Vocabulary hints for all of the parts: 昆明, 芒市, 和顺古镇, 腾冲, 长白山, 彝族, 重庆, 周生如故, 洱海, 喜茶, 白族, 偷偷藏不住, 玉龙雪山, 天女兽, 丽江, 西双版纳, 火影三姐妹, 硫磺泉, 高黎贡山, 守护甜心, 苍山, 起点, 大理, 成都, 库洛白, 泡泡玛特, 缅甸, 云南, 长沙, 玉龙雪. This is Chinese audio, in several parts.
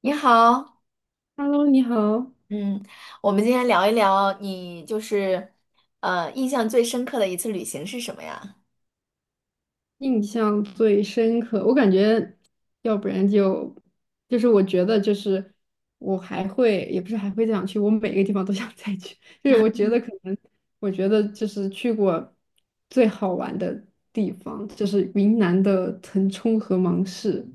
你好，Hello，你好。嗯，我们今天聊一聊你就是印象最深刻的一次旅行是什么呀？印象最深刻，我感觉，要不然就，就是我觉得我还会，也不是还会这样去，我每个地方都想再去。就是我觉得可能，我觉得就是去过最好玩的地方，就是云南的腾冲和芒市，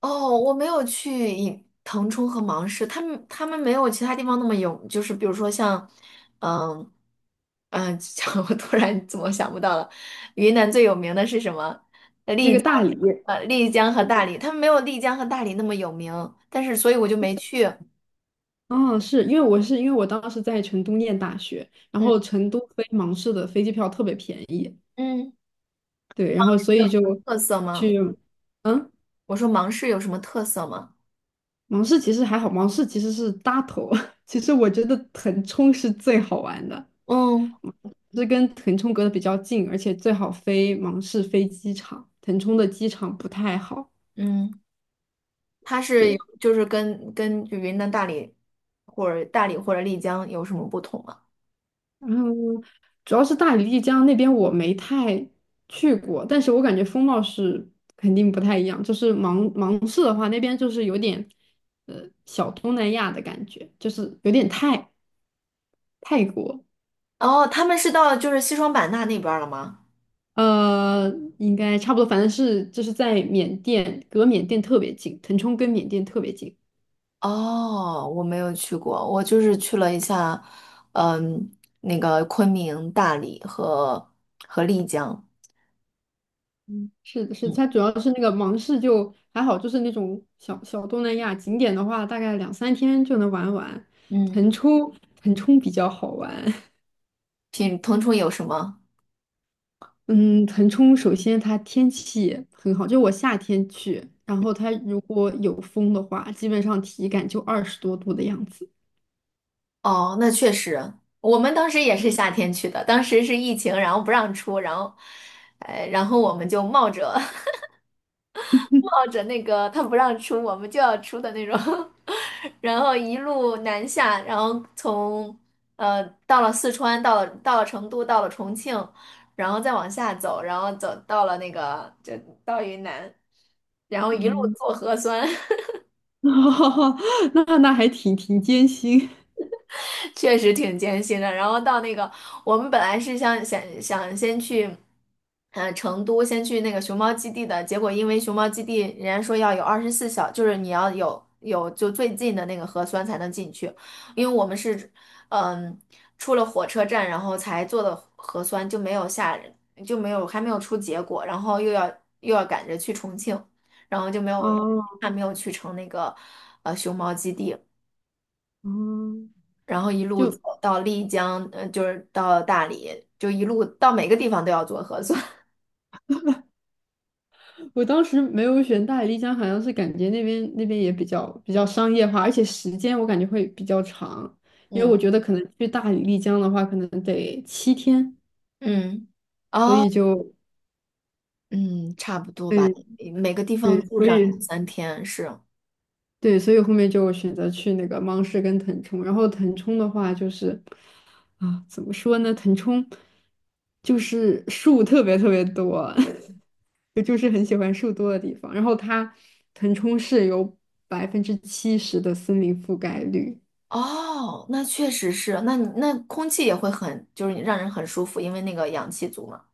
哦，我没有去以腾冲和芒市，他们没有其他地方那么有，就是比如说像，嗯嗯，我突然怎么想不到了，云南最有名的是什么？那丽个江，大理。丽江和大理，他们没有丽江和大理那么有名，但是所以我就没去。哦，是因为我当时在成都念大学，然嗯后成都飞芒市的飞机票特别便宜。嗯，对，然后所有以什就么特色吗？去，嗯。我说芒市有什么特色吗？芒市其实还好，芒市其实是大头。其实我觉得腾冲是最好玩的，嗯是跟腾冲隔得比较近，而且最好飞芒市飞机场，腾冲的机场不太好。嗯，它是有对，就是跟云南大理或者大理或者丽江有什么不同吗？然后主要是大理、丽江那边我没太去过，但是我感觉风貌是肯定不太一样。就是芒市的话，那边就是有点小东南亚的感觉，就是有点泰国。哦，他们是到就是西双版纳那边儿了吗？呃，应该差不多，反正是就是在缅甸，隔缅甸特别近，腾冲跟缅甸特别近。哦，我没有去过，我就是去了一下，嗯，那个昆明、大理和丽江。嗯，是的，是的，嗯它主要是那个芒市就还好，就是那种小东南亚景点的话，大概两三天就能玩完。腾嗯，冲，腾冲比较好玩。品腾冲有什么？嗯，腾冲首先它天气很好，就我夏天去，然后它如果有风的话，基本上体感就20多度的样子。哦，那确实，我们当时也是夏天去的，当时是疫情，然后不让出，然后，然后我们就冒着那个他不让出，我们就要出的那种，然后一路南下，然后从到了四川，到了成都，到了重庆，然后再往下走，然后走到了那个就到云南，然后一路嗯，做核酸，那还挺艰辛。确实挺艰辛的。然后到那个，我们本来是想先去，成都先去那个熊猫基地的，结果因为熊猫基地人家说要有24小，就是你要有就最近的那个核酸才能进去，因为我们是嗯出了火车站，然后才做的核酸，就没有下就没有还没有出结果，然后又要赶着去重庆，然后就没有哦，还没有去成那个熊猫基地。哦，然后一路走就到丽江，就是到大理，就一路到每个地方都要做核酸。我当时没有选大理丽江，好像是感觉那边也比较商业化，而且时间我感觉会比较长，因为嗯我觉得可能去大理丽江的话，可能得7天，嗯，所哦，以就嗯，差不多吧，嗯每个地对，方住所上两以三天是。对，所以后面就选择去那个芒市跟腾冲。然后腾冲的话就是啊，怎么说呢，腾冲就是树特别特别多。我就是很喜欢树多的地方。然后腾冲市有70%的森林覆盖率。哦，那确实是，那你那空气也会很，就是让人很舒服，因为那个氧气足嘛。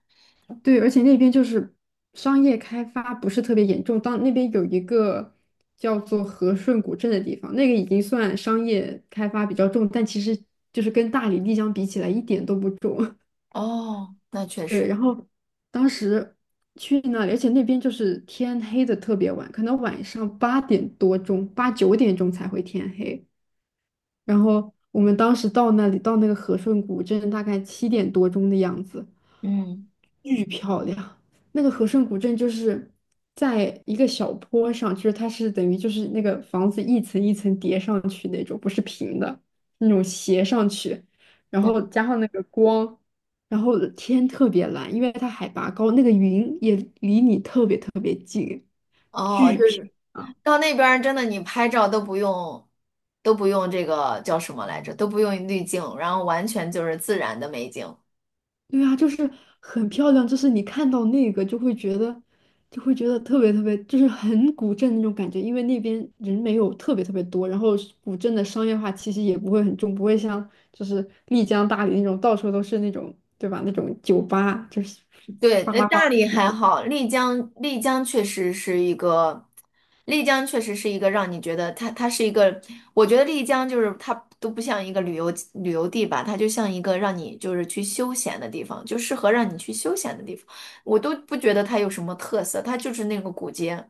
对，而且那边就是商业开发不是特别严重。当那边有一个叫做和顺古镇的地方，那个已经算商业开发比较重，但其实就是跟大理、丽江比起来一点都不重。哦，那确 对，实，然后当时去那里，而且那边就是天黑的特别晚，可能晚上8点多钟、八九点钟才会天黑。然后我们当时到那里，到那个和顺古镇，大概7点多钟的样子，嗯巨漂亮。那个和顺古镇就是在一个小坡上，就是它是等于就是那个房子一层一层叠上去那种，不是平的，那种斜上去，然嗯，后加上那个光，然后天特别蓝，因为它海拔高，那个云也离你特别特别近，哦，就巨漂是亮。到那边儿真的你拍照都不用，都不用这个叫什么来着，都不用滤镜，然后完全就是自然的美景。对啊，就是很漂亮，就是你看到那个就会觉得特别特别，就是很古镇那种感觉，因为那边人没有特别特别多，然后是古镇的商业化气息也不会很重，不会像就是丽江、大理那种到处都是那种，对吧？那种酒吧就是对，哗那啦哗啦大理这还样。好，丽江，丽江确实是一个，丽江确实是一个让你觉得它，它是一个，我觉得丽江就是它都不像一个旅游地吧，它就像一个让你就是去休闲的地方，就适合让你去休闲的地方。我都不觉得它有什么特色，它就是那个古街，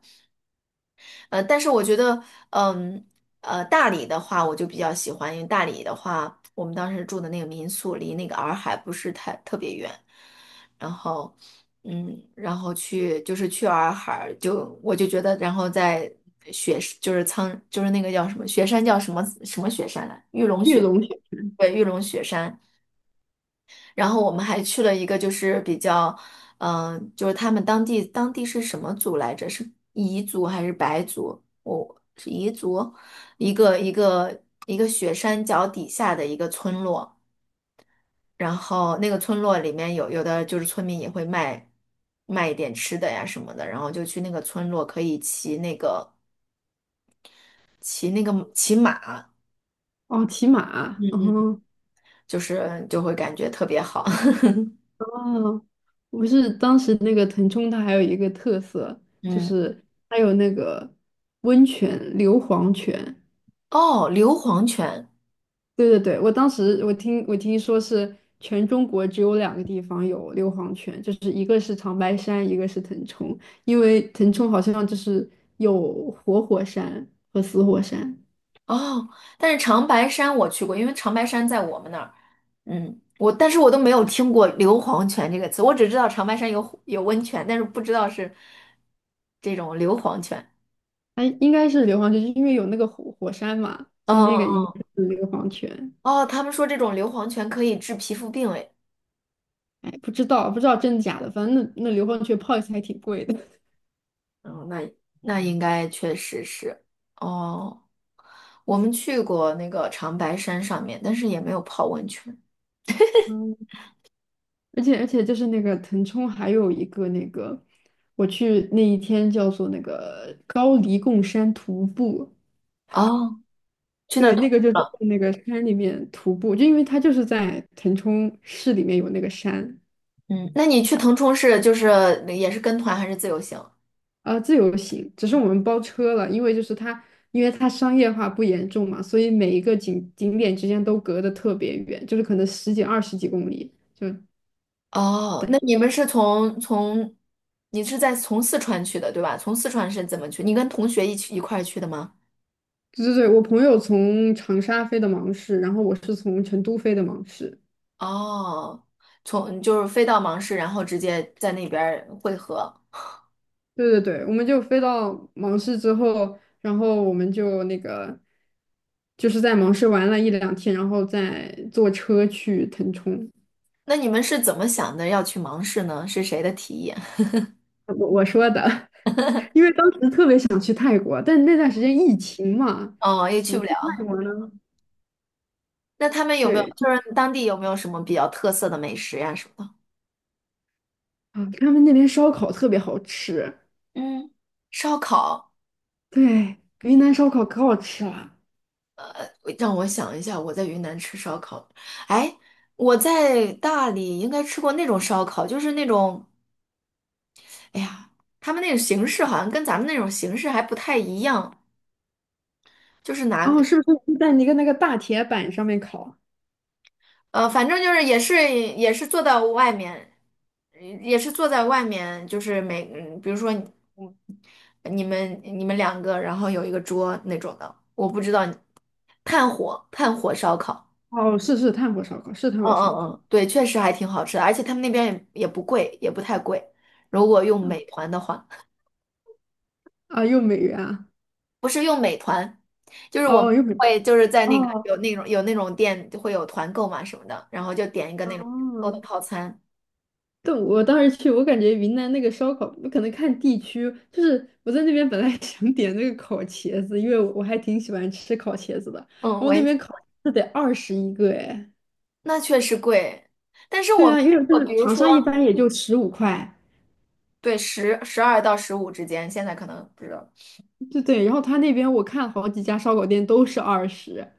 但是我觉得，嗯，大理的话，我就比较喜欢，因为大理的话，我们当时住的那个民宿离那个洱海不是太特别远，然后，嗯，然后去就是去洱海，就我就觉得，然后在雪就是苍就是那个叫什么雪山叫什么什么雪山来，玉龙雪。对，玉龙雪山。然后我们还去了一个就是比较，就是他们当地是什么族来着？是彝族还是白族？我、是彝族，一个一个一个雪山脚底下的一个村落，然后那个村落里面有的就是村民也会卖卖一点吃的呀什么的，然后就去那个村落可以骑那个骑马，哦，骑马，嗯。就是就会感觉特别好。哦，不是当时那个腾冲，它还有一个特色就嗯，是它有那个温泉硫磺泉。哦，硫磺泉。对对对，我当时我听说是全中国只有两个地方有硫磺泉，就是一个是长白山，一个是腾冲，因为腾冲好像就是有活火山和死火山。哦，但是长白山我去过，因为长白山在我们那儿，嗯，我但是我都没有听过硫磺泉这个词，我只知道长白山有温泉，但是不知道是这种硫磺泉。哎，应该是硫磺泉，就是因为有那个火山嘛，就那嗯，个应该是硫磺泉。哦，他们说这种硫磺泉可以治皮肤病，哎，哎，不知道真的假的，反正那硫磺泉泡一次还挺贵的。嗯，那那应该确实是。哦，我们去过那个长白山上面，但是也没有泡温泉。嗯，而且就是那个腾冲还有一个那个，我去那一天叫做那个高黎贡山徒步。哦，去那对，儿徒那个步就是在了。那个山里面徒步，就因为它就是在腾冲市里面有那个山。嗯，那你去腾冲是就是也是跟团还是自由行？啊，自由行，只是我们包车了，因为它商业化不严重嘛，所以每一个景点之间都隔得特别远，就是可能十几、二十几公里。哦，那你们是从从，你是在从四川去的，对吧？从四川是怎么去？你跟同学一起一块儿去的吗？对对对，我朋友从长沙飞的芒市，然后我是从成都飞的芒市。哦，从就是飞到芒市，然后直接在那边儿汇合。对对对，我们就飞到芒市之后，然后我们就那个，就是在芒市玩了一两天，然后再坐车去腾冲。那你们是怎么想的要去芒市呢？是谁的提议？我说的。因为当时特别想去泰国，但那段时间疫情嘛，哦，也怎去么不去了。泰国呢？那他们有没有对就是当地有没有什么比较特色的美食呀、什么的？啊，他们那边烧烤特别好吃。嗯，烧烤，对，云南烧烤可好吃了。让我想一下，我在云南吃烧烤，哎，我在大理应该吃过那种烧烤，就是那种。哎呀，他们那种形式好像跟咱们那种形式还不太一样，就是拿，哦，是不是在一个那个大铁板上面烤？反正就是也是坐到外面，也是坐在外面，就是每，嗯比如说你，你们两个，然后有一个桌那种的，我不知道你，炭火烧烤，哦，是炭火烧烤，是炭嗯火嗯烧烤嗯，对，确实还挺好吃的，而且他们那边也不贵，也不太贵，如果用啊。美团的话。啊，又美元啊，不是用美团，就是我们哦又美。会就是在那个哦，有那种有那种店会有团购嘛什么的，然后就点一个那种购哦，的套餐。但我当时去，我感觉云南那个烧烤，可能看地区，就是我在那边本来 想点那个烤茄子，因为我还挺喜欢吃烤茄子的，嗯，然后我那也边烤茄子得二十一个哎。那确实贵，但是我对们啊，因为就我比是如长说沙一般也就15块。对十12到15之间，现在可能不知道。对对，然后他那边我看好几家烧烤店都是二十，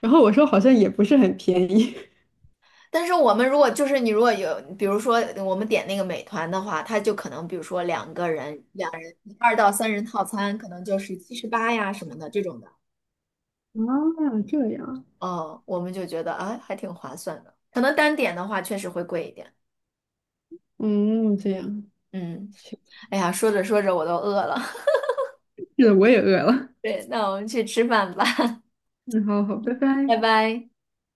然后我说好像也不是很便宜。但是我们如果就是你如果有，比如说我们点那个美团的话，它就可能比如说两个人两人2到3人套餐，可能就是78呀什么的这种的。啊，这样。哦，我们就觉得啊还挺划算的。可能单点的话确实会贵一点。嗯，这样，嗯，是哎呀，说着说着我都饿了。的，我也饿了。对，那我们去吃饭吧，嗯，好好，拜拜拜。拜。